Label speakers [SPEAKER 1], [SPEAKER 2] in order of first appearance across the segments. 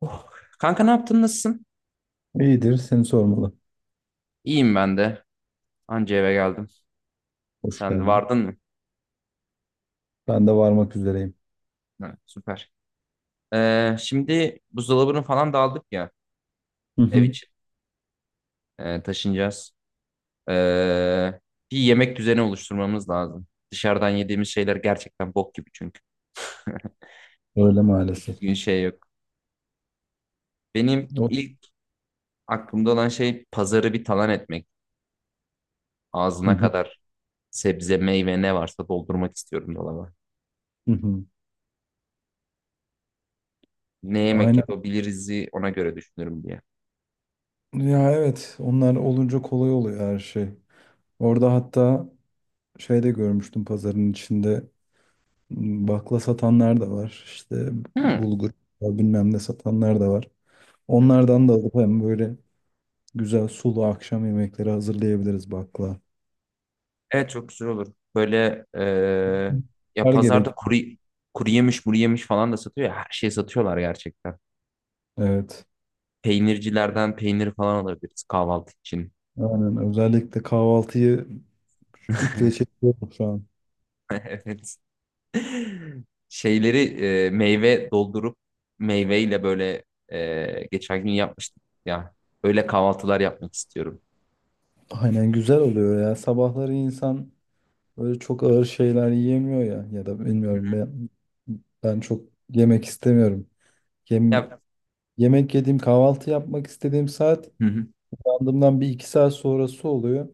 [SPEAKER 1] Oh. Kanka ne yaptın? Nasılsın?
[SPEAKER 2] İyidir, seni sormalı.
[SPEAKER 1] İyiyim ben de. Anca eve geldim.
[SPEAKER 2] Hoş
[SPEAKER 1] Sen de
[SPEAKER 2] geldin.
[SPEAKER 1] vardın mı?
[SPEAKER 2] Ben de varmak üzereyim.
[SPEAKER 1] Ha, süper. Şimdi buzdolabını falan da aldık ya
[SPEAKER 2] Hı
[SPEAKER 1] ev
[SPEAKER 2] hı.
[SPEAKER 1] için. Taşınacağız. Ee, bir yemek düzeni oluşturmamız lazım. Dışarıdan yediğimiz şeyler gerçekten bok gibi çünkü.
[SPEAKER 2] Öyle maalesef.
[SPEAKER 1] Düzgün şey yok. Benim
[SPEAKER 2] O-
[SPEAKER 1] ilk aklımda olan şey pazarı bir talan etmek.
[SPEAKER 2] Hı
[SPEAKER 1] Ağzına
[SPEAKER 2] hı.
[SPEAKER 1] kadar sebze, meyve ne varsa doldurmak istiyorum dolaba.
[SPEAKER 2] Hı hı.
[SPEAKER 1] Ne yemek
[SPEAKER 2] Aynen.
[SPEAKER 1] yapabiliriz ona göre düşünürüm diye.
[SPEAKER 2] Ya evet, onlar olunca kolay oluyor her şey. Orada hatta şey de görmüştüm pazarın içinde bakla satanlar da var. İşte
[SPEAKER 1] Hmm.
[SPEAKER 2] bulgur bilmem ne satanlar da var. Onlardan da alıp hem böyle güzel sulu akşam yemekleri hazırlayabiliriz bakla.
[SPEAKER 1] Evet çok güzel olur. Böyle ya
[SPEAKER 2] Her
[SPEAKER 1] pazarda
[SPEAKER 2] gerek.
[SPEAKER 1] kuru yemiş, muru yemiş falan da satıyor ya. Her şeyi satıyorlar gerçekten.
[SPEAKER 2] Evet.
[SPEAKER 1] Peynircilerden peynir falan alabiliriz kahvaltı için.
[SPEAKER 2] Aynen. Özellikle kahvaltıyı İple çekiyorum şu an.
[SPEAKER 1] Evet. Şeyleri meyve doldurup meyveyle böyle geçen gün yapmıştık ya. Öyle kahvaltılar yapmak istiyorum.
[SPEAKER 2] Aynen güzel oluyor ya. Sabahları insan böyle çok ağır şeyler yiyemiyor ya. Ya da bilmiyorum ben, ben çok yemek istemiyorum. Yem,
[SPEAKER 1] Ya,
[SPEAKER 2] yemek yediğim, kahvaltı yapmak istediğim saat
[SPEAKER 1] hı hı.
[SPEAKER 2] uyandığımdan bir iki saat sonrası oluyor.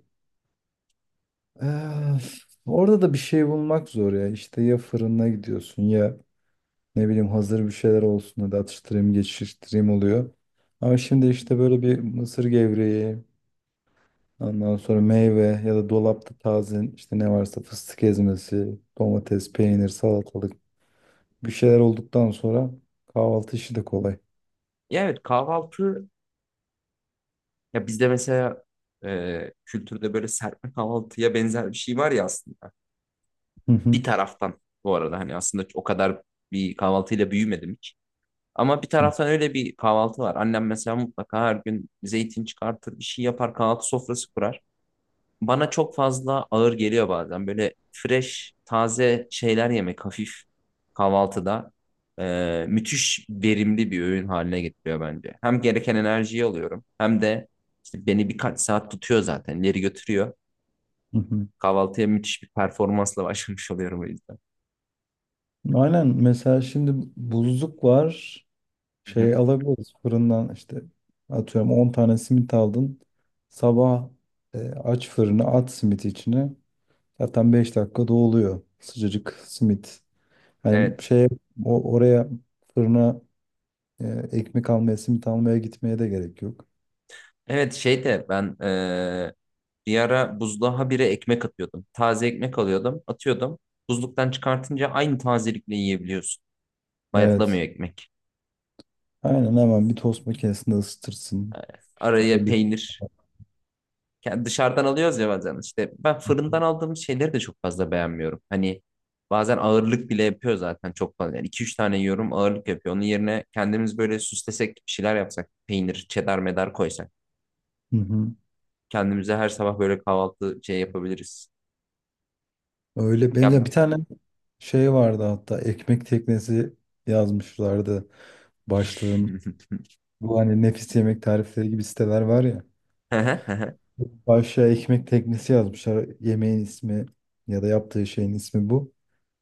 [SPEAKER 2] Öf, orada da bir şey bulmak zor ya. İşte ya fırına gidiyorsun ya ne bileyim hazır bir şeyler olsun, hadi atıştırayım, geçiştireyim oluyor. Ama şimdi işte böyle bir mısır gevreği, ondan sonra meyve, ya da dolapta taze işte ne varsa fıstık ezmesi, domates, peynir, salatalık, bir şeyler olduktan sonra kahvaltı işi de kolay.
[SPEAKER 1] Ya evet kahvaltı ya bizde mesela kültürde böyle serpme kahvaltıya benzer bir şey var ya aslında.
[SPEAKER 2] Hı
[SPEAKER 1] Bir
[SPEAKER 2] hı,
[SPEAKER 1] taraftan bu arada hani aslında o kadar bir kahvaltıyla büyümedim hiç. Ama bir
[SPEAKER 2] hı
[SPEAKER 1] taraftan öyle bir kahvaltı var. Annem mesela mutlaka her gün zeytin çıkartır, bir şey yapar, kahvaltı sofrası kurar. Bana çok fazla ağır geliyor bazen. Böyle fresh, taze şeyler yemek hafif kahvaltıda müthiş verimli bir öğün haline getiriyor bence. Hem gereken enerjiyi alıyorum hem de işte beni birkaç saat tutuyor zaten ileri götürüyor.
[SPEAKER 2] hı, hı.
[SPEAKER 1] Kahvaltıya müthiş bir performansla başlamış oluyorum o yüzden.
[SPEAKER 2] Aynen, mesela şimdi buzluk var.
[SPEAKER 1] Hı hı.
[SPEAKER 2] Şey alabiliriz fırından, işte atıyorum 10 tane simit aldın. Sabah aç fırını, at simit içine. Zaten 5 dakikada oluyor sıcacık simit. Hani
[SPEAKER 1] Evet.
[SPEAKER 2] şey oraya, fırına. Ekmek almaya, simit almaya gitmeye de gerek yok.
[SPEAKER 1] Evet şey de ben bir ara buzluğa bire ekmek atıyordum. Taze ekmek alıyordum, atıyordum. Buzluktan çıkartınca aynı tazelikle yiyebiliyorsun. Bayatlamıyor
[SPEAKER 2] Evet.
[SPEAKER 1] ekmek.
[SPEAKER 2] Aynen, hemen bir tost makinesinde ısıtırsın. Ya
[SPEAKER 1] Araya
[SPEAKER 2] da bir.
[SPEAKER 1] peynir. Yani dışarıdan alıyoruz ya bazen. İşte ben fırından aldığım şeyleri de çok fazla beğenmiyorum. Hani bazen ağırlık bile yapıyor zaten çok fazla. Yani 2-3 tane yiyorum ağırlık yapıyor. Onun yerine kendimiz böyle süslesek bir şeyler yapsak. Peynir, çedar medar koysak.
[SPEAKER 2] Hı hı.
[SPEAKER 1] Kendimize her sabah böyle kahvaltı şey yapabiliriz.
[SPEAKER 2] Öyle. Ben ya
[SPEAKER 1] Ya...
[SPEAKER 2] bir tane şey vardı, hatta ekmek teknesi yazmışlardı başlığın. Bu, hani nefis yemek tarifleri gibi siteler var ya.
[SPEAKER 1] Hı hı. Hı hı.
[SPEAKER 2] Başlığa ekmek teknesi yazmışlar. Yemeğin ismi, ya da yaptığı şeyin ismi bu.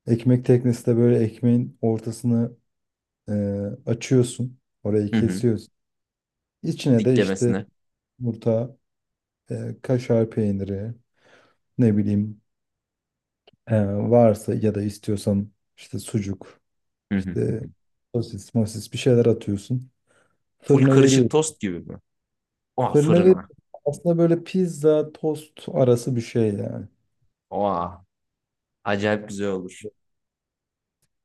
[SPEAKER 2] Ekmek teknesi de, böyle ekmeğin ortasını e, açıyorsun. Orayı
[SPEAKER 1] Hı hı.
[SPEAKER 2] kesiyorsun. İçine de işte
[SPEAKER 1] Diklemesine.
[SPEAKER 2] yumurta, kaşar peyniri, ne bileyim varsa, ya da istiyorsan işte sucuk,
[SPEAKER 1] Hı hı hı
[SPEAKER 2] işte
[SPEAKER 1] hı.
[SPEAKER 2] sosis, mosis bir şeyler atıyorsun.
[SPEAKER 1] Full
[SPEAKER 2] Fırına
[SPEAKER 1] karışık
[SPEAKER 2] veriyorsun.
[SPEAKER 1] tost gibi mi? Oha
[SPEAKER 2] Fırına ver,
[SPEAKER 1] fırına.
[SPEAKER 2] aslında böyle pizza, tost arası bir şey yani.
[SPEAKER 1] Oha acayip güzel olur.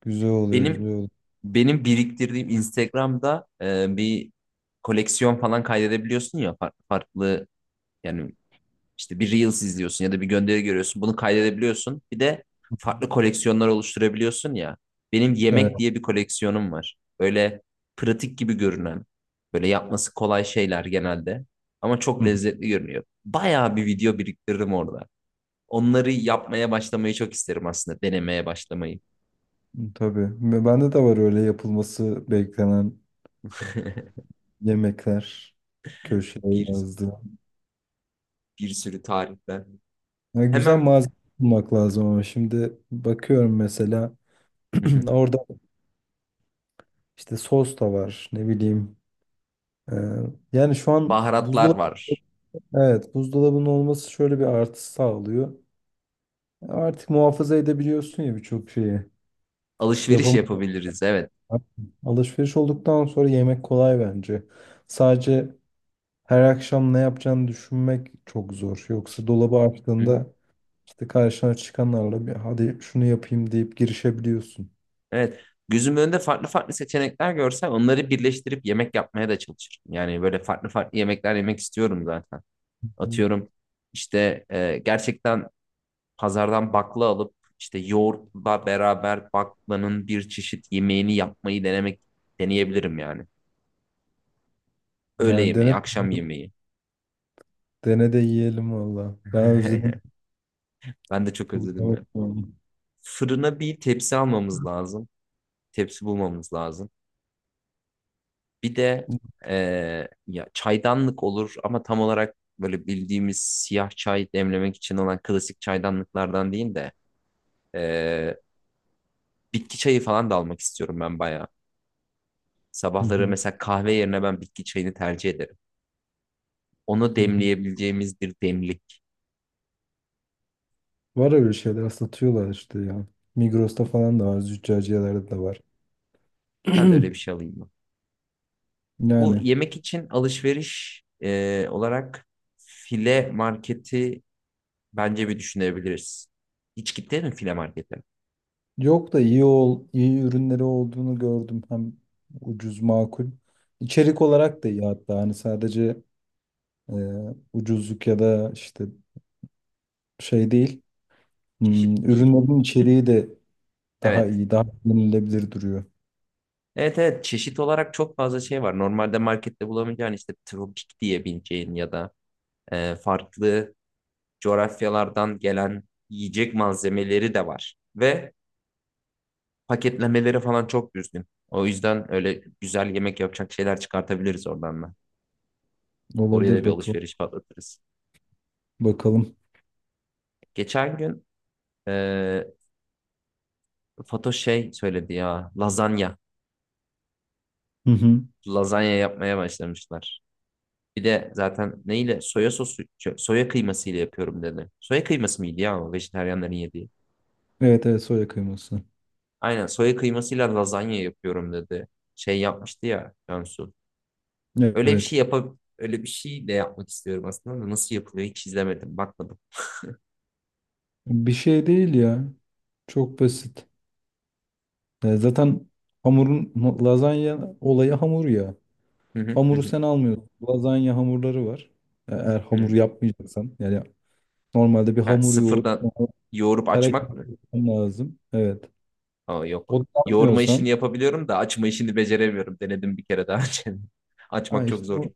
[SPEAKER 2] Güzel oluyor, güzel
[SPEAKER 1] Benim
[SPEAKER 2] oluyor.
[SPEAKER 1] benim biriktirdiğim Instagram'da bir koleksiyon falan kaydedebiliyorsun ya farklı yani. İşte bir Reels izliyorsun ya da bir gönderi görüyorsun. Bunu kaydedebiliyorsun. Bir de farklı koleksiyonlar oluşturabiliyorsun ya. Benim
[SPEAKER 2] Evet.
[SPEAKER 1] yemek diye bir koleksiyonum var. Böyle pratik gibi görünen, böyle yapması kolay şeyler genelde. Ama
[SPEAKER 2] Hı
[SPEAKER 1] çok
[SPEAKER 2] hı.
[SPEAKER 1] lezzetli görünüyor. Bayağı bir video biriktiririm orada. Onları yapmaya başlamayı çok isterim aslında. Denemeye başlamayı.
[SPEAKER 2] Tabii. Ve bende de var öyle yapılması beklenen yemekler, köşeye
[SPEAKER 1] Bir,
[SPEAKER 2] yazdı.
[SPEAKER 1] bir sürü tariften.
[SPEAKER 2] Yani güzel
[SPEAKER 1] Hemen.
[SPEAKER 2] malzeme bulmak lazım, ama şimdi bakıyorum, mesela
[SPEAKER 1] Hı hı.
[SPEAKER 2] orada işte sos da var, ne bileyim. Ee, yani şu an
[SPEAKER 1] Baharatlar
[SPEAKER 2] buzdolabı,
[SPEAKER 1] var.
[SPEAKER 2] evet, buzdolabının olması şöyle bir artı sağlıyor. Artık muhafaza edebiliyorsun ya birçok şeyi.
[SPEAKER 1] Alışveriş
[SPEAKER 2] Yapam
[SPEAKER 1] yapabiliriz, evet.
[SPEAKER 2] Alışveriş olduktan sonra yemek kolay bence. Sadece her akşam ne yapacağını düşünmek çok zor. Yoksa dolabı
[SPEAKER 1] Hı.
[SPEAKER 2] açtığında işte karşına çıkanlarla, bir hadi şunu yapayım deyip girişebiliyorsun.
[SPEAKER 1] Evet. Gözümün önünde farklı farklı seçenekler görsem onları birleştirip yemek yapmaya da çalışırım. Yani böyle farklı farklı yemekler yemek istiyorum zaten.
[SPEAKER 2] Hı.
[SPEAKER 1] Atıyorum işte gerçekten pazardan bakla alıp işte yoğurtla beraber baklanın bir çeşit yemeğini yapmayı denemek deneyebilirim yani. Öğle
[SPEAKER 2] Yani dene
[SPEAKER 1] yemeği, akşam yemeği.
[SPEAKER 2] dene de yiyelim valla. Ben özledim.
[SPEAKER 1] Ben de çok
[SPEAKER 2] Hı
[SPEAKER 1] özledim ya.
[SPEAKER 2] hı.
[SPEAKER 1] Fırına bir tepsi almamız lazım. Tepsi bulmamız lazım. Bir de ya çaydanlık olur ama tam olarak böyle bildiğimiz siyah çay demlemek için olan klasik çaydanlıklardan değil de eee, bitki çayı falan da almak istiyorum ben bayağı. Sabahları
[SPEAKER 2] Hı
[SPEAKER 1] mesela kahve yerine ben bitki çayını tercih ederim. Onu
[SPEAKER 2] hı.
[SPEAKER 1] demleyebileceğimiz bir demlik.
[SPEAKER 2] Var öyle şeyler satıyorlar işte ya. Migros'ta falan da var, züccaciyelerde de var.
[SPEAKER 1] Ben de öyle bir şey alayım mı? Bu
[SPEAKER 2] Yani
[SPEAKER 1] yemek için alışveriş olarak file marketi bence bir düşünebiliriz. Hiç gittin mi file markete?
[SPEAKER 2] yok, da iyi ürünleri olduğunu gördüm. Hem ucuz, makul. İçerik olarak da iyi hatta. Hani sadece e, ucuzluk, ya da işte şey değil. Hmm,
[SPEAKER 1] Çeşit değil.
[SPEAKER 2] ürünlerin içeriği de daha
[SPEAKER 1] Evet.
[SPEAKER 2] iyi, daha yenilebilir duruyor.
[SPEAKER 1] Evet evet çeşit olarak çok fazla şey var. Normalde markette bulamayacağın işte tropik diyebileceğin ya da farklı coğrafyalardan gelen yiyecek malzemeleri de var. Ve paketlemeleri falan çok düzgün. O yüzden öyle güzel yemek yapacak şeyler çıkartabiliriz oradan da. Oraya da
[SPEAKER 2] Olabilir,
[SPEAKER 1] bir
[SPEAKER 2] bakalım.
[SPEAKER 1] alışveriş patlatırız.
[SPEAKER 2] Bakalım.
[SPEAKER 1] Geçen gün e, Fatoş şey söyledi ya lazanya.
[SPEAKER 2] Hı hı.
[SPEAKER 1] Lazanya yapmaya başlamışlar. Bir de zaten neyle? Soya sosu, soya kıymasıyla yapıyorum dedi. Soya kıyması mıydı ya o vejetaryenlerin yediği?
[SPEAKER 2] Evet, evet soya kıyması.
[SPEAKER 1] Aynen soya kıymasıyla lazanya yapıyorum dedi. Şey yapmıştı ya Cansu. Öyle bir
[SPEAKER 2] Evet.
[SPEAKER 1] şey yapab öyle bir şey de yapmak istiyorum aslında da nasıl yapılıyor hiç izlemedim, bakmadım.
[SPEAKER 2] Bir şey değil ya. Çok basit. Zaten hamurun, lazanya olayı hamur ya.
[SPEAKER 1] Hı hı hı
[SPEAKER 2] Hamuru
[SPEAKER 1] hı.
[SPEAKER 2] sen almıyorsun. Lazanya hamurları var. Eğer hamur
[SPEAKER 1] Hı.
[SPEAKER 2] yapmayacaksan, yani normalde bir
[SPEAKER 1] Ha,
[SPEAKER 2] hamur yoğur,
[SPEAKER 1] sıfırdan yoğurup
[SPEAKER 2] kare kare
[SPEAKER 1] açmak mı?
[SPEAKER 2] yapman lazım. Evet.
[SPEAKER 1] Aa, yok.
[SPEAKER 2] O da
[SPEAKER 1] Yoğurma
[SPEAKER 2] yapmıyorsan,
[SPEAKER 1] işini yapabiliyorum da açma işini beceremiyorum. Denedim bir kere daha önce.
[SPEAKER 2] ha
[SPEAKER 1] Açmak çok
[SPEAKER 2] işte
[SPEAKER 1] zor.
[SPEAKER 2] o-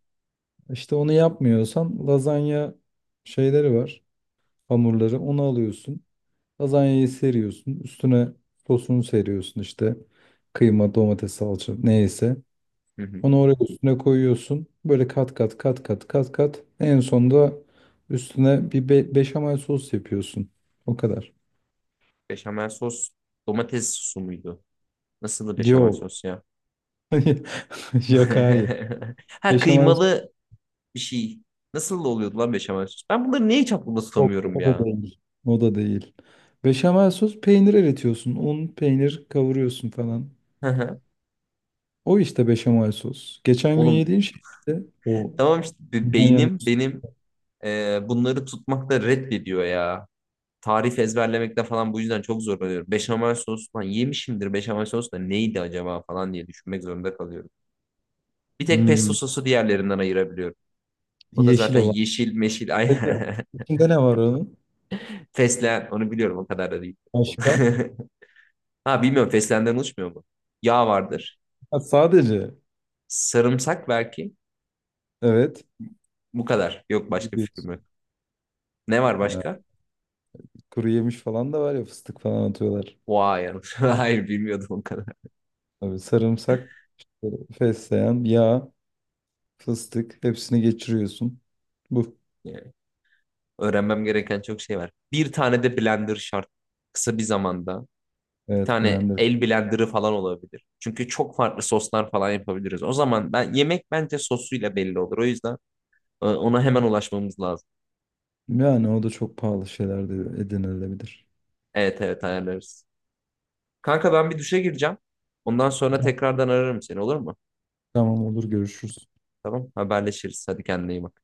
[SPEAKER 2] işte onu yapmıyorsan lazanya şeyleri var. Hamurları, onu alıyorsun. Lazanyayı seriyorsun. Üstüne sosunu seriyorsun işte. Kıyma, domates, salça neyse.
[SPEAKER 1] Hı hı.
[SPEAKER 2] Onu oraya üstüne koyuyorsun. Böyle kat kat kat kat kat kat. En sonunda üstüne bir beşamel sos yapıyorsun. O kadar.
[SPEAKER 1] Beşamel sos, domates sosu muydu? Nasıldı beşamel
[SPEAKER 2] Yok.
[SPEAKER 1] sos ya?
[SPEAKER 2] Yok, hayır.
[SPEAKER 1] Ha
[SPEAKER 2] Beşamel sos
[SPEAKER 1] kıymalı bir şey. Nasıl oluyordu lan beşamel sos? Ben bunları niye hiç aklımda
[SPEAKER 2] yok.
[SPEAKER 1] tutamıyorum
[SPEAKER 2] O da
[SPEAKER 1] ya?
[SPEAKER 2] değil. O da değil. Beşamel sos, peynir eritiyorsun. Un, peynir kavuruyorsun falan. O işte beşamel sos. Geçen gün
[SPEAKER 1] Oğlum
[SPEAKER 2] yediğin şey işte o.
[SPEAKER 1] tamam işte
[SPEAKER 2] Bundan yana-
[SPEAKER 1] beynim benim bunları tutmakta reddediyor ya. Tarif ezberlemekte falan bu yüzden çok zorlanıyorum. Beşamel sos falan yemişimdir beşamel sos da neydi acaba falan diye düşünmek zorunda kalıyorum. Bir tek pesto
[SPEAKER 2] Hmm,
[SPEAKER 1] sosu diğerlerinden ayırabiliyorum. O da
[SPEAKER 2] yeşil
[SPEAKER 1] zaten
[SPEAKER 2] olan.
[SPEAKER 1] yeşil meşil ay
[SPEAKER 2] Peki içinde ne var onun?
[SPEAKER 1] fesleğen onu biliyorum o kadar da değil.
[SPEAKER 2] Başka?
[SPEAKER 1] Ha bilmiyorum fesleğenden oluşmuyor mu? Yağ vardır.
[SPEAKER 2] Ha, sadece.
[SPEAKER 1] Sarımsak belki.
[SPEAKER 2] Evet.
[SPEAKER 1] Bu kadar. Yok başka fikrim yok.
[SPEAKER 2] Gidiyorsun.
[SPEAKER 1] Ne var başka?
[SPEAKER 2] Kuru yemiş falan da var ya, fıstık falan atıyorlar.
[SPEAKER 1] Vay yanlış. Hayır bilmiyordum o kadar.
[SPEAKER 2] Tabii sarımsak, fesleğen, yağ, fıstık, hepsini geçiriyorsun. Bu.
[SPEAKER 1] Yani öğrenmem gereken çok şey var. Bir tane de blender şart. Kısa bir zamanda. Bir
[SPEAKER 2] Evet,
[SPEAKER 1] tane
[SPEAKER 2] blender.
[SPEAKER 1] el blenderı falan olabilir. Çünkü çok farklı soslar falan yapabiliriz. O zaman ben yemek bence sosuyla belli olur. O yüzden ona hemen ulaşmamız lazım.
[SPEAKER 2] Yani o da çok pahalı, şeyler de edinilebilir.
[SPEAKER 1] Evet evet ayarlarız. Kanka ben bir duşa gireceğim. Ondan sonra
[SPEAKER 2] Tamam,
[SPEAKER 1] tekrardan ararım seni olur mu?
[SPEAKER 2] tamam, olur, görüşürüz.
[SPEAKER 1] Tamam haberleşiriz. Hadi kendine iyi bak.